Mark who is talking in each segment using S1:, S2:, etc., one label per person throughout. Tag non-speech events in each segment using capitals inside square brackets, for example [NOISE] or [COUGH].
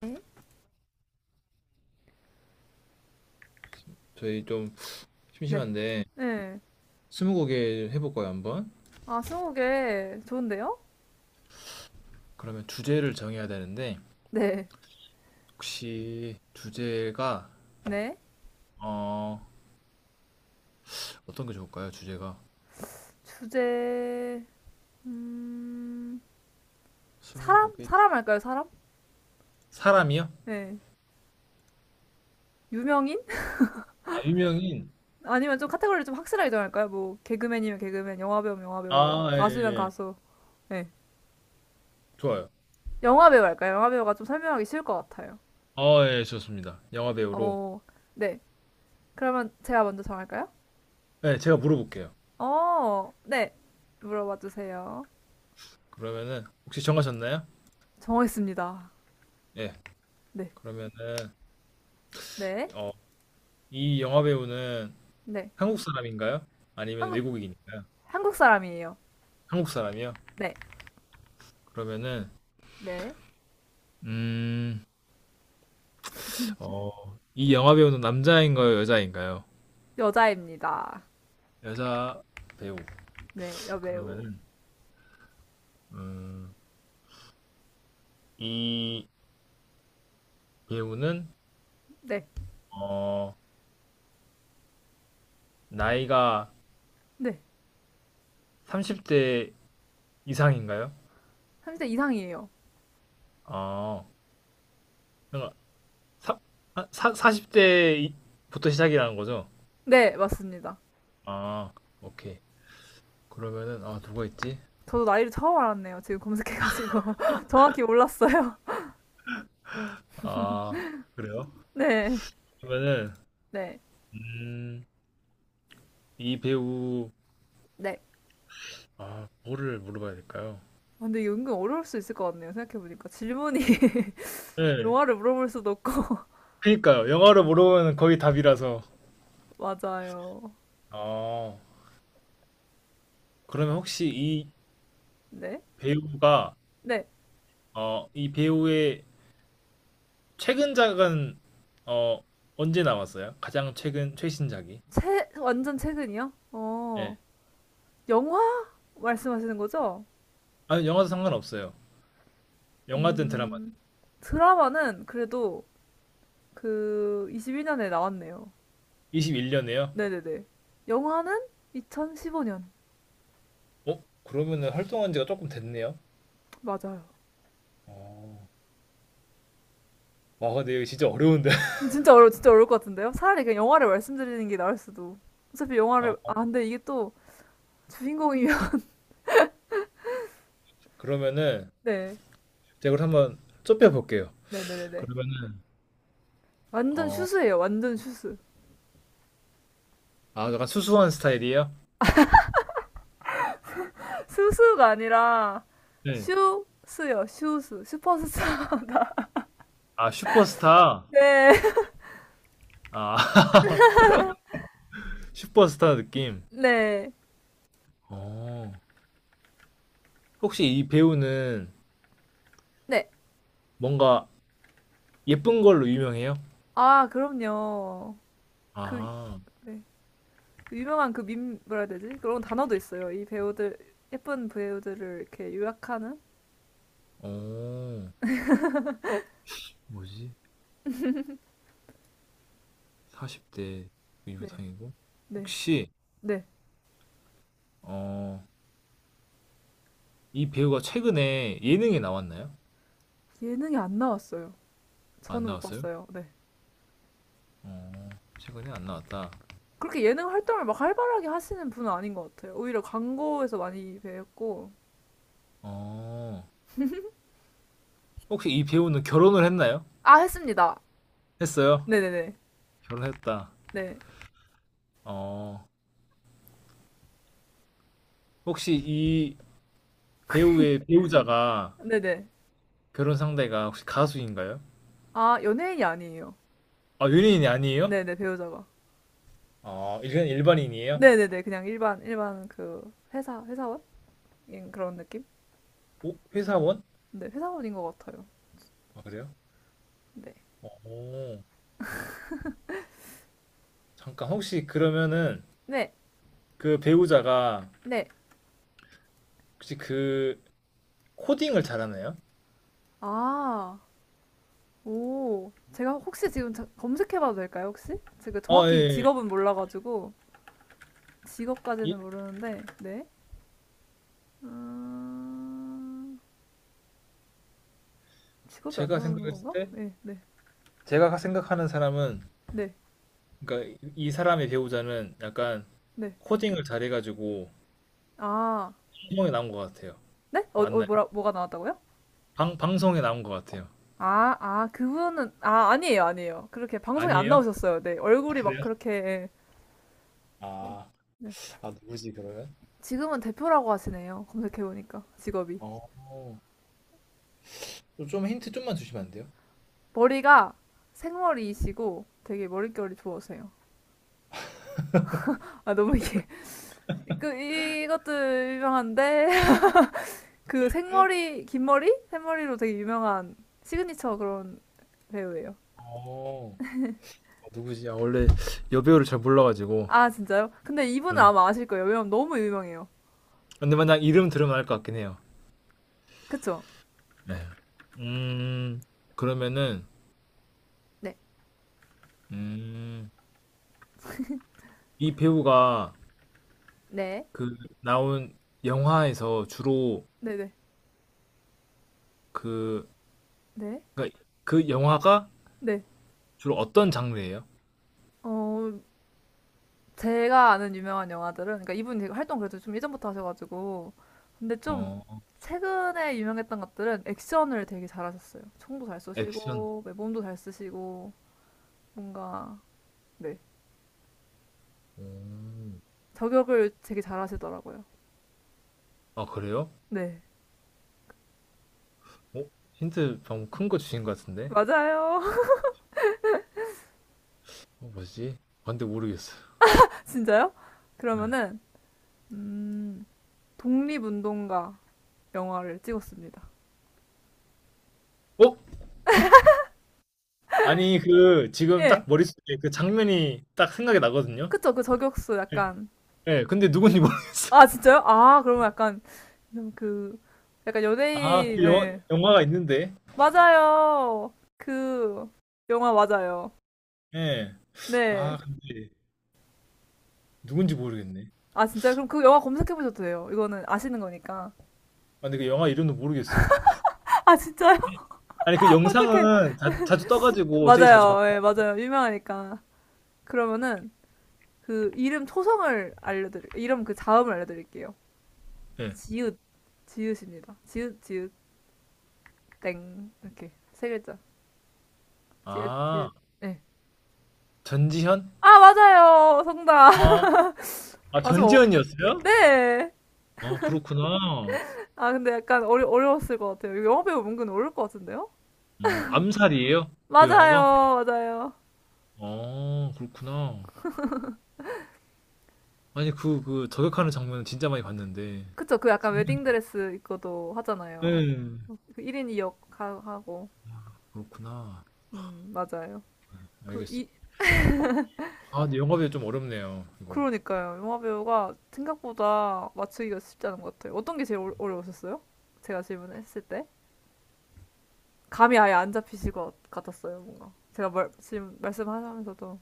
S1: 네,
S2: 저희 좀
S1: 네.
S2: 심심한데
S1: 네.
S2: 스무고개 해볼까요, 한번?
S1: 아, 스무고개 좋은데요?
S2: 그러면 주제를 정해야 되는데
S1: 네.
S2: 혹시 주제가
S1: 네.
S2: 어 어떤 게 좋을까요? 주제가
S1: 주제, 음, 사람?
S2: 스무고개 주-
S1: 사람 할까요, 사람?
S2: 사람이요?
S1: 네. 유명인?
S2: 아 유명인.
S1: [LAUGHS] 아니면 좀 카테고리를 좀 확실하게 정할까요? 뭐, 개그맨이면 개그맨, 영화배우면 영화배우,
S2: 아 예, 예.
S1: 가수면
S2: 예.
S1: 가수. 네.
S2: 좋아요.
S1: 영화배우 할까요? 영화배우가 좀 설명하기 쉬울 것 같아요.
S2: 아 예 좋습니다. 영화 배우로.
S1: 어, 네. 그러면 제가 먼저 정할까요?
S2: 네, 제가 물어볼게요.
S1: 어, 네. 물어봐 주세요.
S2: 그러면은 혹시 정하셨나요?
S1: 정했습니다.
S2: 예.
S1: 네.
S2: 그러면은
S1: 네.
S2: 어, 이 영화 배우는
S1: 네.
S2: 한국 사람인가요? 아니면
S1: 한국,
S2: 외국인인가요?
S1: 한국 사람이에요.
S2: 한국 사람이요?
S1: 네,
S2: 그러면은
S1: 네.
S2: 음 어, 이 영화 배우는 남자인가요, 여자인가요?
S1: 여자입니다.
S2: 여자 배우.
S1: 네, 여배우.
S2: 그러면은 음, 이 배우는
S1: 네,
S2: 어, 나이가
S1: 네.
S2: 30대 이상인가요?
S1: 30대 이상이에요.
S2: 어, 그러니까 사, 40대부터 시작이라는 거죠?
S1: 네, 맞습니다.
S2: 아, 오케이. 그러면은 아, 누가 있지?
S1: 저도 나이를 처음 알았네요. 지금 검색해가지고. [LAUGHS] 정확히 몰랐어요.
S2: 아, 그래요?
S1: [LAUGHS] 네,
S2: 그러면은
S1: 네,
S2: 음, 이 배우.
S1: 네.
S2: 아, 뭐를 물어봐야 될까요?
S1: 아, 근데 이게 은근 어려울 수 있을 것 같네요. 생각해보니까. 질문이 [LAUGHS]
S2: 네.
S1: 영화를 물어볼 수도 없고. [LAUGHS]
S2: 그니까요. 영화로 물어보면 거의 답이라서.
S1: 맞아요.
S2: 어, 그러면 혹시
S1: 네,
S2: 배우가,
S1: 네.
S2: 이 배우의 최근작은, 어, 언제 나왔어요? 가장 최근, 최신작이.
S1: 최, 완전 최근이요?
S2: 예.
S1: 영화 말씀하시는 거죠?
S2: 아니, 영화도 상관없어요. 영화든 드라마든.
S1: 음, 드라마는 그래도 그 21년에 나왔네요.
S2: 2 1년에요?
S1: 네네네. 영화는 2015년.
S2: 어? 그러면은 활동한 지가 조금 됐네요.
S1: 맞아요.
S2: 어. 와, 근데 이거 진짜 어려운데. [LAUGHS]
S1: 근데 진짜 어려울 것 같은데요? 차라리 그냥 영화를 말씀드리는 게 나을 수도. 어차피
S2: 어,
S1: 영화를, 아, 근데 이게 또 주인공이면. [LAUGHS]
S2: 그러면은,
S1: 네.
S2: 제가 이걸 한번 좁혀볼게요.
S1: 네네네네.
S2: 그러면은,
S1: 완전
S2: 어,
S1: 슈스예요. 완전 슈스.
S2: 아, 약간 수수한 스타일이에요?
S1: [LAUGHS] 스스가 아니라
S2: 네.
S1: 슈스요. 슈스. 슈퍼스타.
S2: 아, 슈퍼스타.
S1: [LAUGHS] 네.
S2: 아, [LAUGHS] 슈퍼스타 느낌.
S1: 네.
S2: 어. 혹시 이 배우는
S1: 네.
S2: 뭔가 예쁜 걸로 유명해요?
S1: 아, 그럼요. 그,
S2: 아,
S1: 네. 그 유명한 그 밈, 뭐라 해야 되지? 그런 단어도 있어요. 이 배우들, 예쁜 배우들을 이렇게 요약하는?
S2: 어, 뭐지? 40대
S1: 네.
S2: 유부상이고.
S1: 네.
S2: 혹시,
S1: 네.
S2: 어, 이 배우가 최근에 예능에 나왔나요?
S1: 예능이 안 나왔어요.
S2: 안
S1: 저는 못
S2: 나왔어요?
S1: 봤어요. 네.
S2: 어, 최근에 안 나왔다.
S1: 그렇게 예능 활동을 막 활발하게 하시는 분은 아닌 것 같아요. 오히려 광고에서 많이 뵈었고.
S2: 어, 혹시 이 배우는 결혼을 했나요?
S1: 아, 했습니다.
S2: 했어요?
S1: 네네네.
S2: 결혼했다.
S1: 네.
S2: 어, 혹시 이 배우의 배우자가
S1: 네네.
S2: 결혼 상대가 혹시 가수인가요?
S1: 아, 연예인이 아니에요.
S2: 아, 연예인이 아니에요?
S1: 네네, 배우자가.
S2: 아, 일반, 일반인이에요?
S1: 네네네. 그냥 일반, 일반 그 회사원? 인 그런 느낌?
S2: 어, 회사원?
S1: 네, 회사원인 것 같아요.
S2: 아, 그래요?
S1: 네.
S2: 오, 잠깐 혹시 그러면은
S1: 네.
S2: 그 배우자가
S1: 네.
S2: 혹시 그 코딩을 잘하나요?
S1: 아, 오. 제가 혹시 지금 검색해봐도 될까요, 혹시? 제가
S2: 아, 예.
S1: 정확히
S2: 예.
S1: 직업은 몰라가지고.
S2: 이,
S1: 직업까지는 모르는데, 네. 음, 직업이 안
S2: 제가
S1: 나오는
S2: 생각했을
S1: 건가?
S2: 때
S1: 네,
S2: 제가 생각하는 사람은
S1: 네,
S2: 그러니까 이 사람의 배우자는 약간
S1: 네.
S2: 코딩을 잘해가지고
S1: 아,
S2: 방송에 나온 것 같아요.
S1: 네?
S2: 맞나요?
S1: 뭐가 나왔다고요?
S2: 방, 방송에 나온 것 같아요.
S1: 그분은, 아니에요, 아니에요. 그렇게 방송에 안
S2: 아니에요?
S1: 나오셨어요. 네,
S2: 아,
S1: 얼굴이 막
S2: 그래요?
S1: 그렇게, 예, 뭐,
S2: 아,
S1: 네.
S2: 아 누구지 그러면?
S1: 지금은 대표라고 하시네요. 검색해보니까, 직업이.
S2: 어, 좀 힌트 좀만 주시면 안 돼요?
S1: 머리가 생머리이시고 되게 머릿결이 좋으세요. 아, 너무 이게, [LAUGHS] 그, 이것도 유명한데, [LAUGHS] 그 생머리, 긴 머리? 생머리로 되게 유명한 시그니처 그런 배우예요.
S2: 어, 누구지? 아, 원래 여배우를 잘 몰라가지고.
S1: 아, 진짜요? 근데 이분은
S2: 네.
S1: 아마 아실 거예요. 왜냐면 너무 유명해요.
S2: 근데 만약 이름 들으면 알 것 같긴 해요.
S1: 그쵸?
S2: 네. 음, 그러면은,
S1: 네,
S2: 음, 이 배우가
S1: 네.
S2: 그 나온 영화에서 주로
S1: 네네.
S2: 그,
S1: 네.
S2: 그러니까 그 영화가
S1: 네.
S2: 주로 어떤 장르예요?
S1: 어, 제가 아는 유명한 영화들은, 그러니까 이분이 되게 활동 그래도 좀 예전부터 하셔가지고. 근데 좀
S2: 어,
S1: 최근에 유명했던 것들은 액션을 되게 잘하셨어요. 총도 잘
S2: 액션.
S1: 쏘시고, 네, 몸도 잘 쓰시고, 뭔가, 네.
S2: 음.
S1: 저격을 되게 잘하시더라고요.
S2: 아, 그래요?
S1: 네.
S2: 어? 힌트 방금 큰 거 주신 것 같은데?
S1: 맞아요.
S2: 어, 뭐지? 아, 근데 모르겠어요.
S1: [LAUGHS] 진짜요?
S2: 네.
S1: 그러면은, 음, 독립운동가 영화를 찍었습니다.
S2: 어? 아니, 그, 지금
S1: 예.
S2: 딱 머릿속에 그 장면이 딱 생각이 나거든요?
S1: 그쵸, 그 저격수 약간.
S2: 네, 근데 누군지 모르겠어요.
S1: 아, 진짜요? 아, 그러면 약간, 좀 그, 약간
S2: 아,
S1: 연예인,
S2: 그 영화,
S1: 예.
S2: 영화가 있는데.
S1: 맞아요. 그, 영화 맞아요.
S2: 예.
S1: 네.
S2: 아 근데 누군지 모르겠네.
S1: 아, 진짜? 그럼 그 영화 검색해보셔도 돼요. 이거는 아시는 거니까.
S2: 아 근데 그 영화 이름도 모르겠어요.
S1: 아, 진짜요?
S2: 아니 그
S1: [LAUGHS] 어떡해.
S2: 영상은 자, 자주 떠가지고 되게 자주 봤고.
S1: 맞아요. 예, 맞아요. 유명하니까. 그러면은, 그, 이름 그 자음을 알려드릴게요.
S2: 예.
S1: 지읒, 지읒입니다. 지읒, 지읒, 땡. 이렇게. 세 글자. 지읒,
S2: 아
S1: 지읒. 예.
S2: 전지현?
S1: 아, 맞아요. 정답.
S2: 아, 아
S1: 아, 좀, 어,
S2: 전지현이었어요?
S1: 네.
S2: 아 그렇구나.
S1: 아, 근데 약간 어려웠을 것 같아요. 이거 영화배우 은근 어려울 것 같은데요?
S2: 어 암살이에요? 그 영화가?
S1: 맞아요. 맞아요.
S2: 아 그렇구나. 아니 그 그 저격하는 장면은 진짜 많이 봤는데.
S1: 그쵸. 그 약간 웨딩드레스 입고도 하잖아요.
S2: 음.
S1: 그 1인 2역 하고.
S2: 그렇구나.
S1: 맞아요. 그, 이,
S2: 알겠습니다. 아 근데 영화비가 좀 어렵네요. 이거.
S1: 그러니까요. 영화배우가 생각보다 맞추기가 쉽지 않은 것 같아요. 어떤 게 제일 어려우셨어요? 제가 질문했을 때? 감이 아예 안 잡히실 것 같았어요, 뭔가. 제가 말, 지금 말씀하면서도.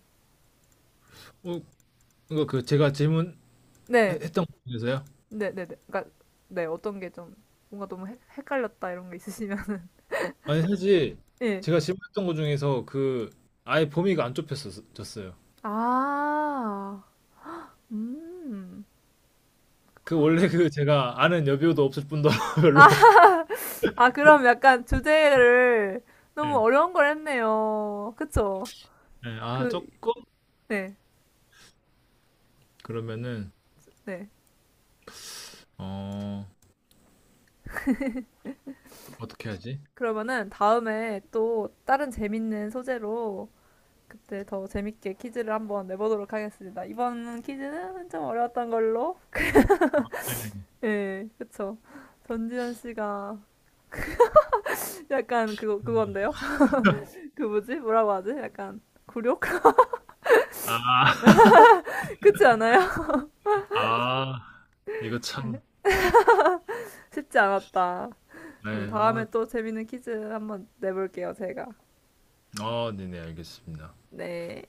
S2: 어, 이거 그 제가 질문했던
S1: 네.
S2: 것에서요.
S1: 네네네. 그러니까 네 어떤 게 좀 뭔가 너무 헷갈렸다 이런 게 있으시면 [LAUGHS]
S2: 아니 사실
S1: 예.
S2: 제가 질문했던 것 중에서 그 아예 범위가 안 좁혔었어요.
S1: 아, 음.
S2: 그 원래 그 제가 아는 여배우도 없을 뿐더러 [LAUGHS]
S1: 아,
S2: 별로.
S1: 아 그럼 약간 주제를 너무
S2: 네.
S1: 어려운 걸 했네요. 그쵸?
S2: 네. 아
S1: 그,
S2: 조금.
S1: 네,
S2: 그러면은
S1: 네.
S2: 어 어떻게 하지?
S1: 그러면은 다음에 또 다른 재밌는 소재로 그때 더 재밌게 퀴즈를 한번 내보도록 하겠습니다. 이번 퀴즈는 좀 어려웠던 걸로.
S2: 네.
S1: 예, 그쵸. 전지현 씨가 [LAUGHS] 약간 그거, 그건데요? 그 뭐지? 뭐라고 하지? 약간 굴욕? [LAUGHS]
S2: 아, [LAUGHS]
S1: 그렇지 않아요?
S2: 아 이거 참.
S1: [LAUGHS] 쉽지 않았다. 그럼
S2: 네.
S1: 다음에
S2: 아,
S1: 또 재밌는 퀴즈 한번 내볼게요, 제가.
S2: 아 네네 알겠습니다.
S1: 네.